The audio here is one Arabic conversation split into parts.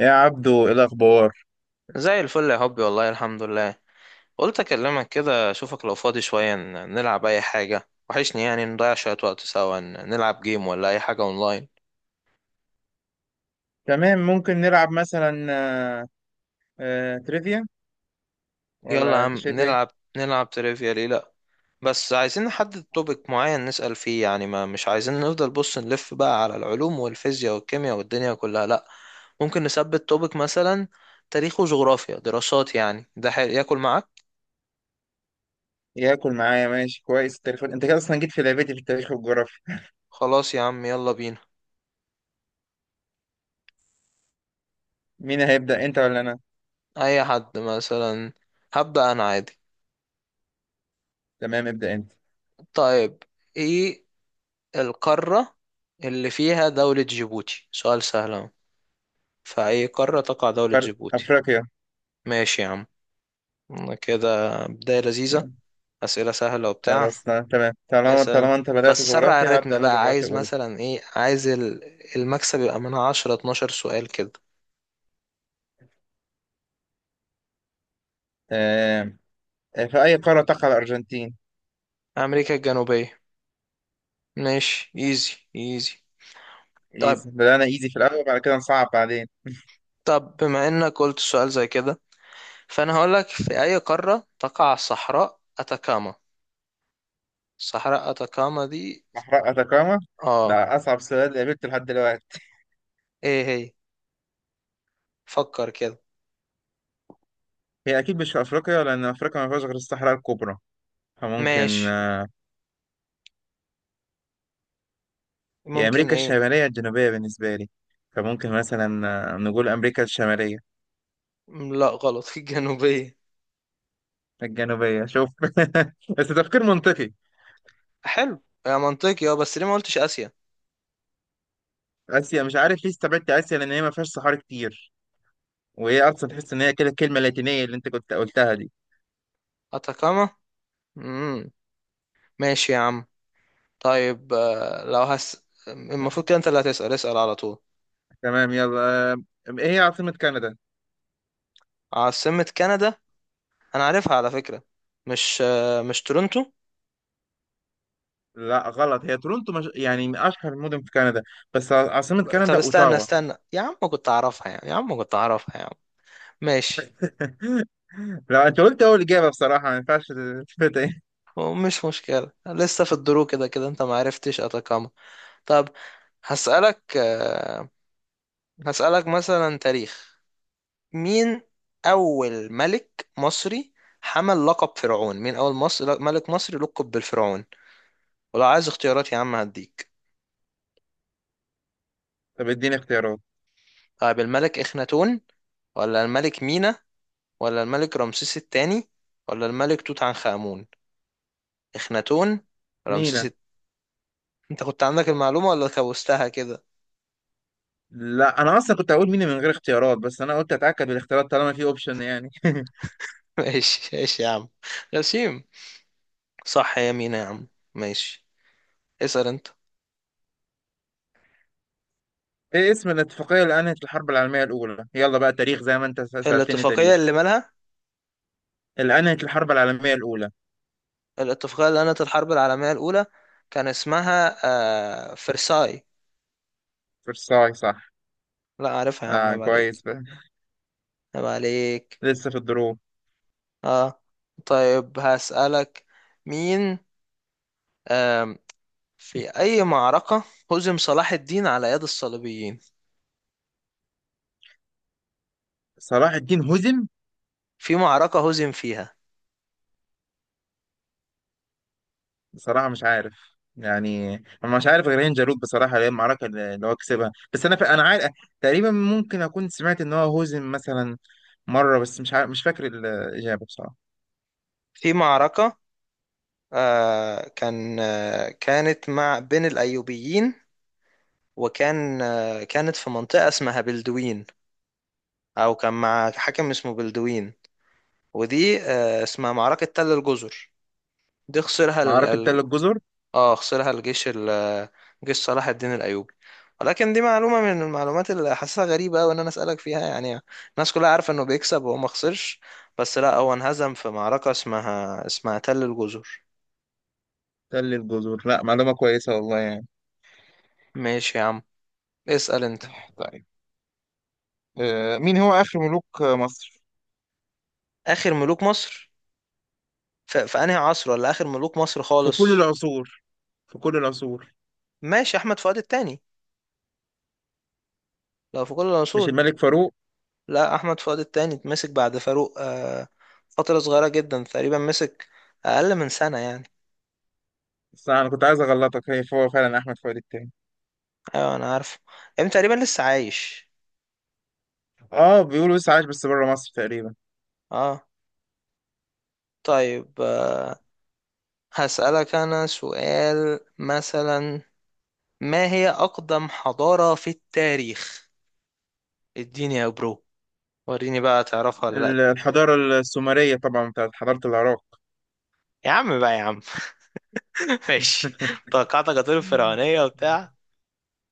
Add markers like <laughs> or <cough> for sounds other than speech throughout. يا عبدو، ايه الاخبار؟ زي الفل يا حبي، والله الحمد لله. قلت اكلمك كده اشوفك لو فاضي شوية نلعب اي حاجة. وحشني نضيع شوية وقت سوا نلعب جيم ولا اي حاجة اونلاين. تمام، ممكن نلعب مثلا تريفيا، يلا يا ولا انت عم شايف ايه؟ نلعب. نلعب تريفيا ليه لا. بس عايزين نحدد توبيك معين نسأل فيه، يعني ما مش عايزين نفضل بص نلف بقى على العلوم والفيزياء والكيمياء والدنيا كلها لا. ممكن نثبت توبيك مثلا تاريخ وجغرافيا دراسات، يعني ده حلو ياكل معاك. ياكل معايا، ماشي كويس، التاريخ انت كده اصلا جيت في لعبتي في التاريخ والجغرافيا. خلاص يا عم يلا بينا. مين هيبدا، انت ولا انا؟ اي حد مثلا. هبدأ انا عادي. تمام، ابدا انت. طيب. ايه القارة اللي فيها دولة جيبوتي؟ سؤال سهل اهو. في اي قارة تقع دولة فرق جيبوتي؟ افريقيا. ماشي يا عم. كده بداية لذيذة. تمام. أسئلة سهلة وبتاع. خلاص، ت- تمام طالما اسأل، طالما انت بدات بس سرع جغرافيا هبدا الريتم انا بقى. جغرافيا عايز برضه. مثلا ايه؟ عايز المكسب يبقى من 10 12 سؤال كده. تمام. في اي قاره تقع الارجنتين؟ أمريكا الجنوبية. ماشي ايزي ايزي. طب ايزي، بدانا ايزي في الاول بعد كده نصعب بعدين. طب بما انك قلت سؤال زي كده، فانا هقولك في اي قارة تقع صحراء اتاكاما؟ صحراء اتاكاما دي. صحراء اتاكاما، اه. ده اصعب سؤال قابلته لحد دلوقتي. ايه هي؟ فكر كده. هي اكيد مش في افريقيا، لان افريقيا ما فيهاش غير الصحراء الكبرى. فممكن ماشي. هي ممكن أمريكا ايه. الشمالية الجنوبية بالنسبة لي. فممكن مثلا نقول أمريكا الشمالية. لا غلط <laughs> الجنوبية. الجنوبية، شوف. <laughs> بس تفكير منطقي. حلو يا منطقي. اه بس ليه ما قلتش آسيا؟ آسيا مش عارف ليه استبعدت آسيا، لأن هي ما فيهاش صحاري كتير، وهي أصلا تحس إن هي كده الكلمة اللاتينية اللي أنت كنت قلتها دي. أتاكاما. امم. ماشي يا عم. طيب، لو هس المفروض كده انت اللي هتسأل، اسأل على طول. تمام، يلا. آه، إيه هي عاصمة كندا؟ عاصمة كندا. انا عارفها على فكرة. مش مش تورنتو؟ لا غلط، هي تورونتو مش يعني من أشهر المدن في كندا، بس عاصمة طب كندا استنى أوتاوا. استنى يا عم، كنت اعرفها يعني يا عم، كنت اعرفها يا عم. ماشي. <laughs> لا، كنت. أنت قلت أول إجابة، بصراحة ما ينفعش تفوت. إيه؟ مش مشكلة، لسه في الدرو. كده كده انت ما عرفتش أتاكاما. طب هسألك، هسألك مثلا تاريخ. مين أول ملك مصري حمل لقب فرعون؟ مين أول مصر ملك مصري لقب بالفرعون؟ ولو عايز اختيارات يا عم هديك. طب إديني اختيارات. طيب الملك إخناتون، ولا الملك مينا، ولا الملك رمسيس الثاني، ولا الملك توت عنخ آمون؟ إخناتون، رمسيس مينا. الت... أنت كنت عندك المعلومة ولا كوستها كده؟ لا انا اصلا كنت هقول مينا من غير اختيارات، بس انا قلت اتاكد بالاختيارات طالما في اوبشن يعني. <laughs> <laughs> ماشي ماشي يا عم. غسيم. صح يا مينا يا عم. ماشي، اسأل أنت. ايه اسم الاتفاقيه اللي انهت الحرب العالميه الاولى؟ يلا بقى تاريخ زي ما انت سالتني الاتفاقية تاريخ. اللي مالها؟ اللي انهت الحرب العالميه الاولى. الاتفاقية اللي أنهت الحرب العالمية الأولى كان اسمها آه فرساي. فرساي صح. لا عارفها يا عم، اه، عيب عليك. كويس بقى، عيب عليك. لسه في الدروب. اه. طيب هسألك. مين، آم، في أي معركة هزم صلاح الدين على يد الصليبيين؟ صلاح الدين هزم؟ في معركة هزم فيها. بصراحه مش عارف يعني. انا مش عارف غير هين جالوت بصراحه، اللي هي المعركه اللي هو كسبها. بس انا انا عارف تقريبا، ممكن اكون سمعت ان هو هزم مثلا مره، بس مش عارف، مش فاكر الاجابه بصراحه. في معركة، كان كانت مع بين الأيوبيين، وكان كانت في منطقة اسمها بلدوين، أو كان مع حاكم اسمه بلدوين. ودي اسمها معركة تل الجزر. دي خسرها معركه تل الجزر. اه خسرها الجيش ال... جيش صلاح الدين الأيوبي. ولكن دي معلومة من المعلومات اللي حاسسها غريبة أوي إن أنا أسألك فيها، يعني الناس كلها عارفة إنه بيكسب وهو ما خسرش. بس لا هو انهزم في معركة اسمها تل الجزر. تل الجزر، لا معلومة كويسة والله يعني. ماشي يا عم، اسأل أنت. طيب، مين هو آخر ملوك مصر؟ آخر ملوك مصر؟ في أنهي عصر، ولا آخر ملوك مصر في كل خالص؟ العصور، في كل العصور. ماشي، أحمد فؤاد التاني لو في كل مش العصور. الملك فاروق؟ لا، أحمد فؤاد التاني اتمسك بعد فاروق آه، فترة صغيرة جدا تقريبا مسك. أقل من سنة يعني. بس أنا كنت عايز أغلطك، هي هو فعلا أحمد فؤاد التاني. ايوه انا عارف. ام، تقريبا لسه عايش. آه بيقولوا لسه عايش بس بره مصر تقريبا. اه. طيب هسألك انا سؤال مثلا. ما هي اقدم حضارة في التاريخ؟ اديني يا برو، وريني بقى تعرفها ولا لا دي. الحضارة السومرية طبعا، بتاعت حضارة العراق. يا عم بقى يا عم. <laughs> ماشي. <laughs> توقعتك هتقول الفرعونية وبتاع.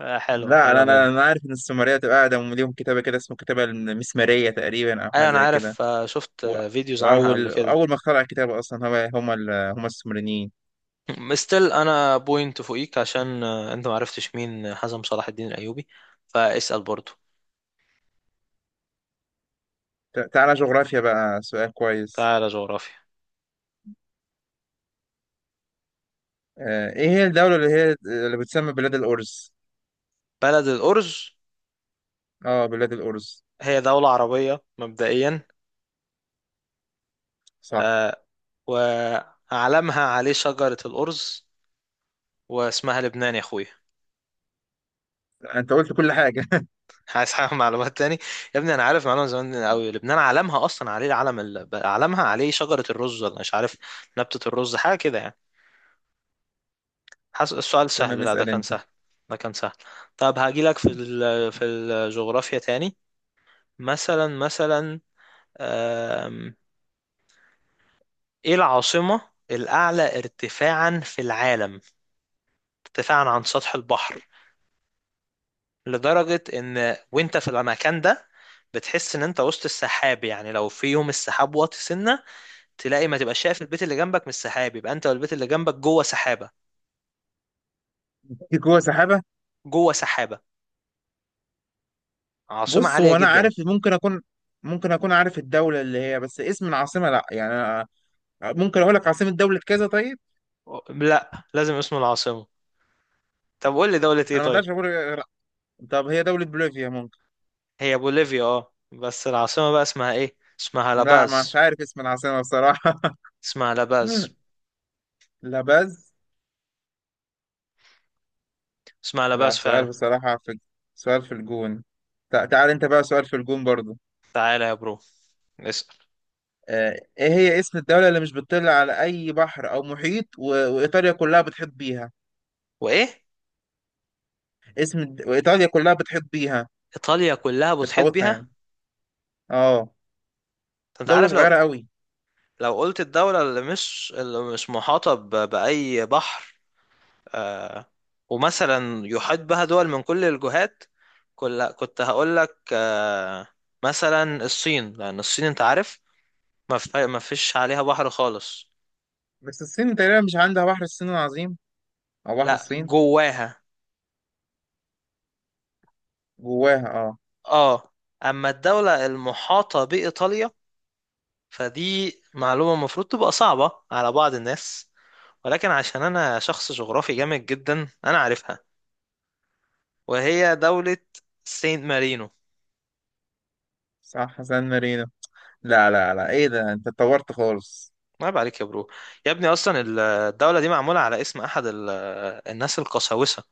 حلوة، لا أنا، حلوة أنا منه. أنا عارف إن السومرية تبقى قاعدة ليهم كتابة كده اسمه كتابة المسمارية تقريبا، أو حاجة ايوه انا زي كده. عارف، شفت و- فيديوز عنها قبل وأول كده. أول ما اخترع الكتابة أصلا هو هم هم السومريين. مستل انا بوينت فوقيك عشان انت معرفتش مين حزم صلاح الدين الايوبي. فاسأل برضو. تعالى جغرافيا بقى، سؤال كويس. تعالى جغرافيا. ايه هي الدولة اللي هي اللي بتسمى بلاد الأرز؟ بلد الأرز. اه بلاد الأرز، هي دولة عربية مبدئيا. صح. آه. وعلمها عليه شجرة الأرز، واسمها لبنان يا أخوي. انت قلت كل حاجة. <laughs> عايز حاجة معلومات تاني؟ يا ابني أنا عارف معلومة زمان أوي، لبنان علمها أصلا عليه العلم ال... علمها عليه شجرة الرز ولا مش عارف، نبتة الرز حاجة كده يعني. حس... السؤال <laughs> تمام، سهل. لا ده اسأل كان انت. سهل. ده كان سهل. طب هاجيلك في ال... في الجغرافيا تاني. مثلا مثلا، آم... إيه العاصمة الأعلى ارتفاعا في العالم؟ ارتفاعا عن سطح البحر، لدرجة ان وانت في المكان ده بتحس ان انت وسط السحاب. يعني لو في يوم السحاب واطي سنة، تلاقي ما تبقى شايف البيت اللي جنبك من السحاب، يبقى انت والبيت اللي جنبك جوه سحابة. في جوه سحابة؟ جوه سحابة. عاصمة بص، عالية هو أنا جدا. عارف، ممكن أكون، ممكن أكون عارف الدولة اللي هي، بس اسم العاصمة لأ يعني. ممكن اقول لك عاصمة دولة كذا؟ طيب، لا لازم اسم العاصمة. طب قول لي دولة ايه انا ما طيب. اقدرش اقول غير طب هي دولة بوليفيا ممكن. هي بوليفيا اه، بس العاصمة بقى اسمها ايه؟ اسمها لا مش لاباز. عارف اسم العاصمة بصراحة. اسمها لاباز. <laughs> لا بز. اسمها لا لاباز سؤال فعلا. بصراحة في، سؤال في الجون. تعال انت بقى، سؤال في الجون برضو. تعالى يا برو، اسأل. ايه هي اسم الدولة اللي مش بتطل على اي بحر او محيط وايطاليا كلها بتحيط بيها؟ وايه؟ وايطاليا كلها بتحيط بيها، ايطاليا كلها بتحيط بتحوطها بيها؟ يعني، اه. انت دولة عارف لو، صغيرة قوي. لو قلت الدولة اللي مش اللي مش محاطة بأي بحر، آه، ومثلا يحيط بها دول من كل الجهات، كل كنت هقول لك آه، مثلا الصين، لأن الصين أنت عارف ما فيش عليها بحر خالص. بس الصين تقريبا مش عندها بحر الصين العظيم، او بحر لا الصين. جواها. جواها اه. اه. أما الدولة المحاطة بإيطاليا، فدي معلومة المفروض تبقى صعبة على بعض الناس، ولكن عشان أنا شخص جغرافي جامد جدا أنا عارفها، وهي دولة سينت مارينو. صح، سان مارينو. لا لا لا، ايه ده، انت اتطورت خالص. عيب عليك يا برو. يا ابني اصلا الدوله دي معموله على اسم احد ال- الناس القساوسه،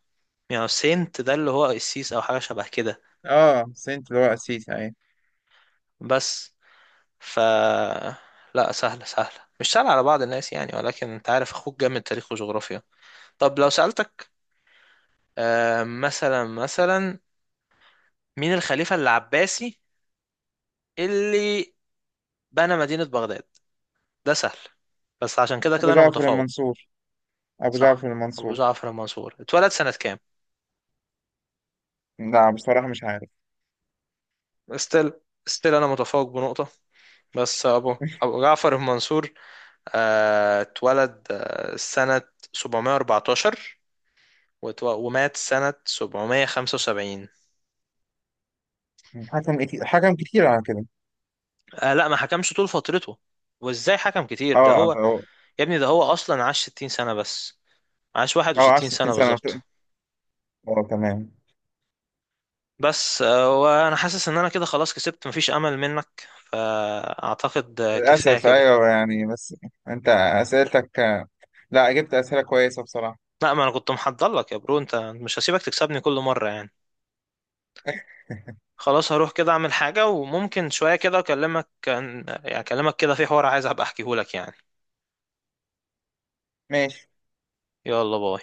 يعني سينت ده اللي هو قسيس او حاجه شبه كده. اه سنت اللي هو السيسي ايه. بس ف، لا سهله سهله، مش سهله على بعض الناس يعني، ولكن انت عارف اخوك جامد تاريخ وجغرافيا. طب لو سالتك مثلا مثلا، مين الخليفه العباسي اللي بنى مدينه بغداد؟ ده سهل، بس عشان كده ابو كده انا جعفر متفوق. المنصور، ابو صح، جعفر ابو المنصور. جعفر المنصور. اتولد سنه كام؟ لا بصراحة مش عارف. استيل، استيل انا متفوق بنقطه. بس ابو <laughs> ابو جعفر بن منصور اتولد سنة 714، ومات سنة 775. حكم كتير، حكم كتير على كده. آه لا ما حكمش طول فترته. وازاي حكم كتير؟ ده اه هو، اه. يا ابني ده هو اصلا عاش 60 سنة بس، عاش عاش 61 60 سنة سنة. بالظبط. اه تمام. بس وانا حاسس ان انا كده خلاص كسبت، مفيش امل منك، فاعتقد كفاية للأسف كده. ايوه يعني، بس انت اسئلتك، لا جبت اسئلة كويسة بصراحة. لا ما انا كنت محضر لك يا برو، انت مش هسيبك تكسبني كل مرة يعني. <laughs> خلاص هروح كده اعمل حاجة، وممكن شوية كده اكلمك، كان يعني اكلمك كده في حوار عايز ابقى احكيهولك يعني. ماشي. يلا باي.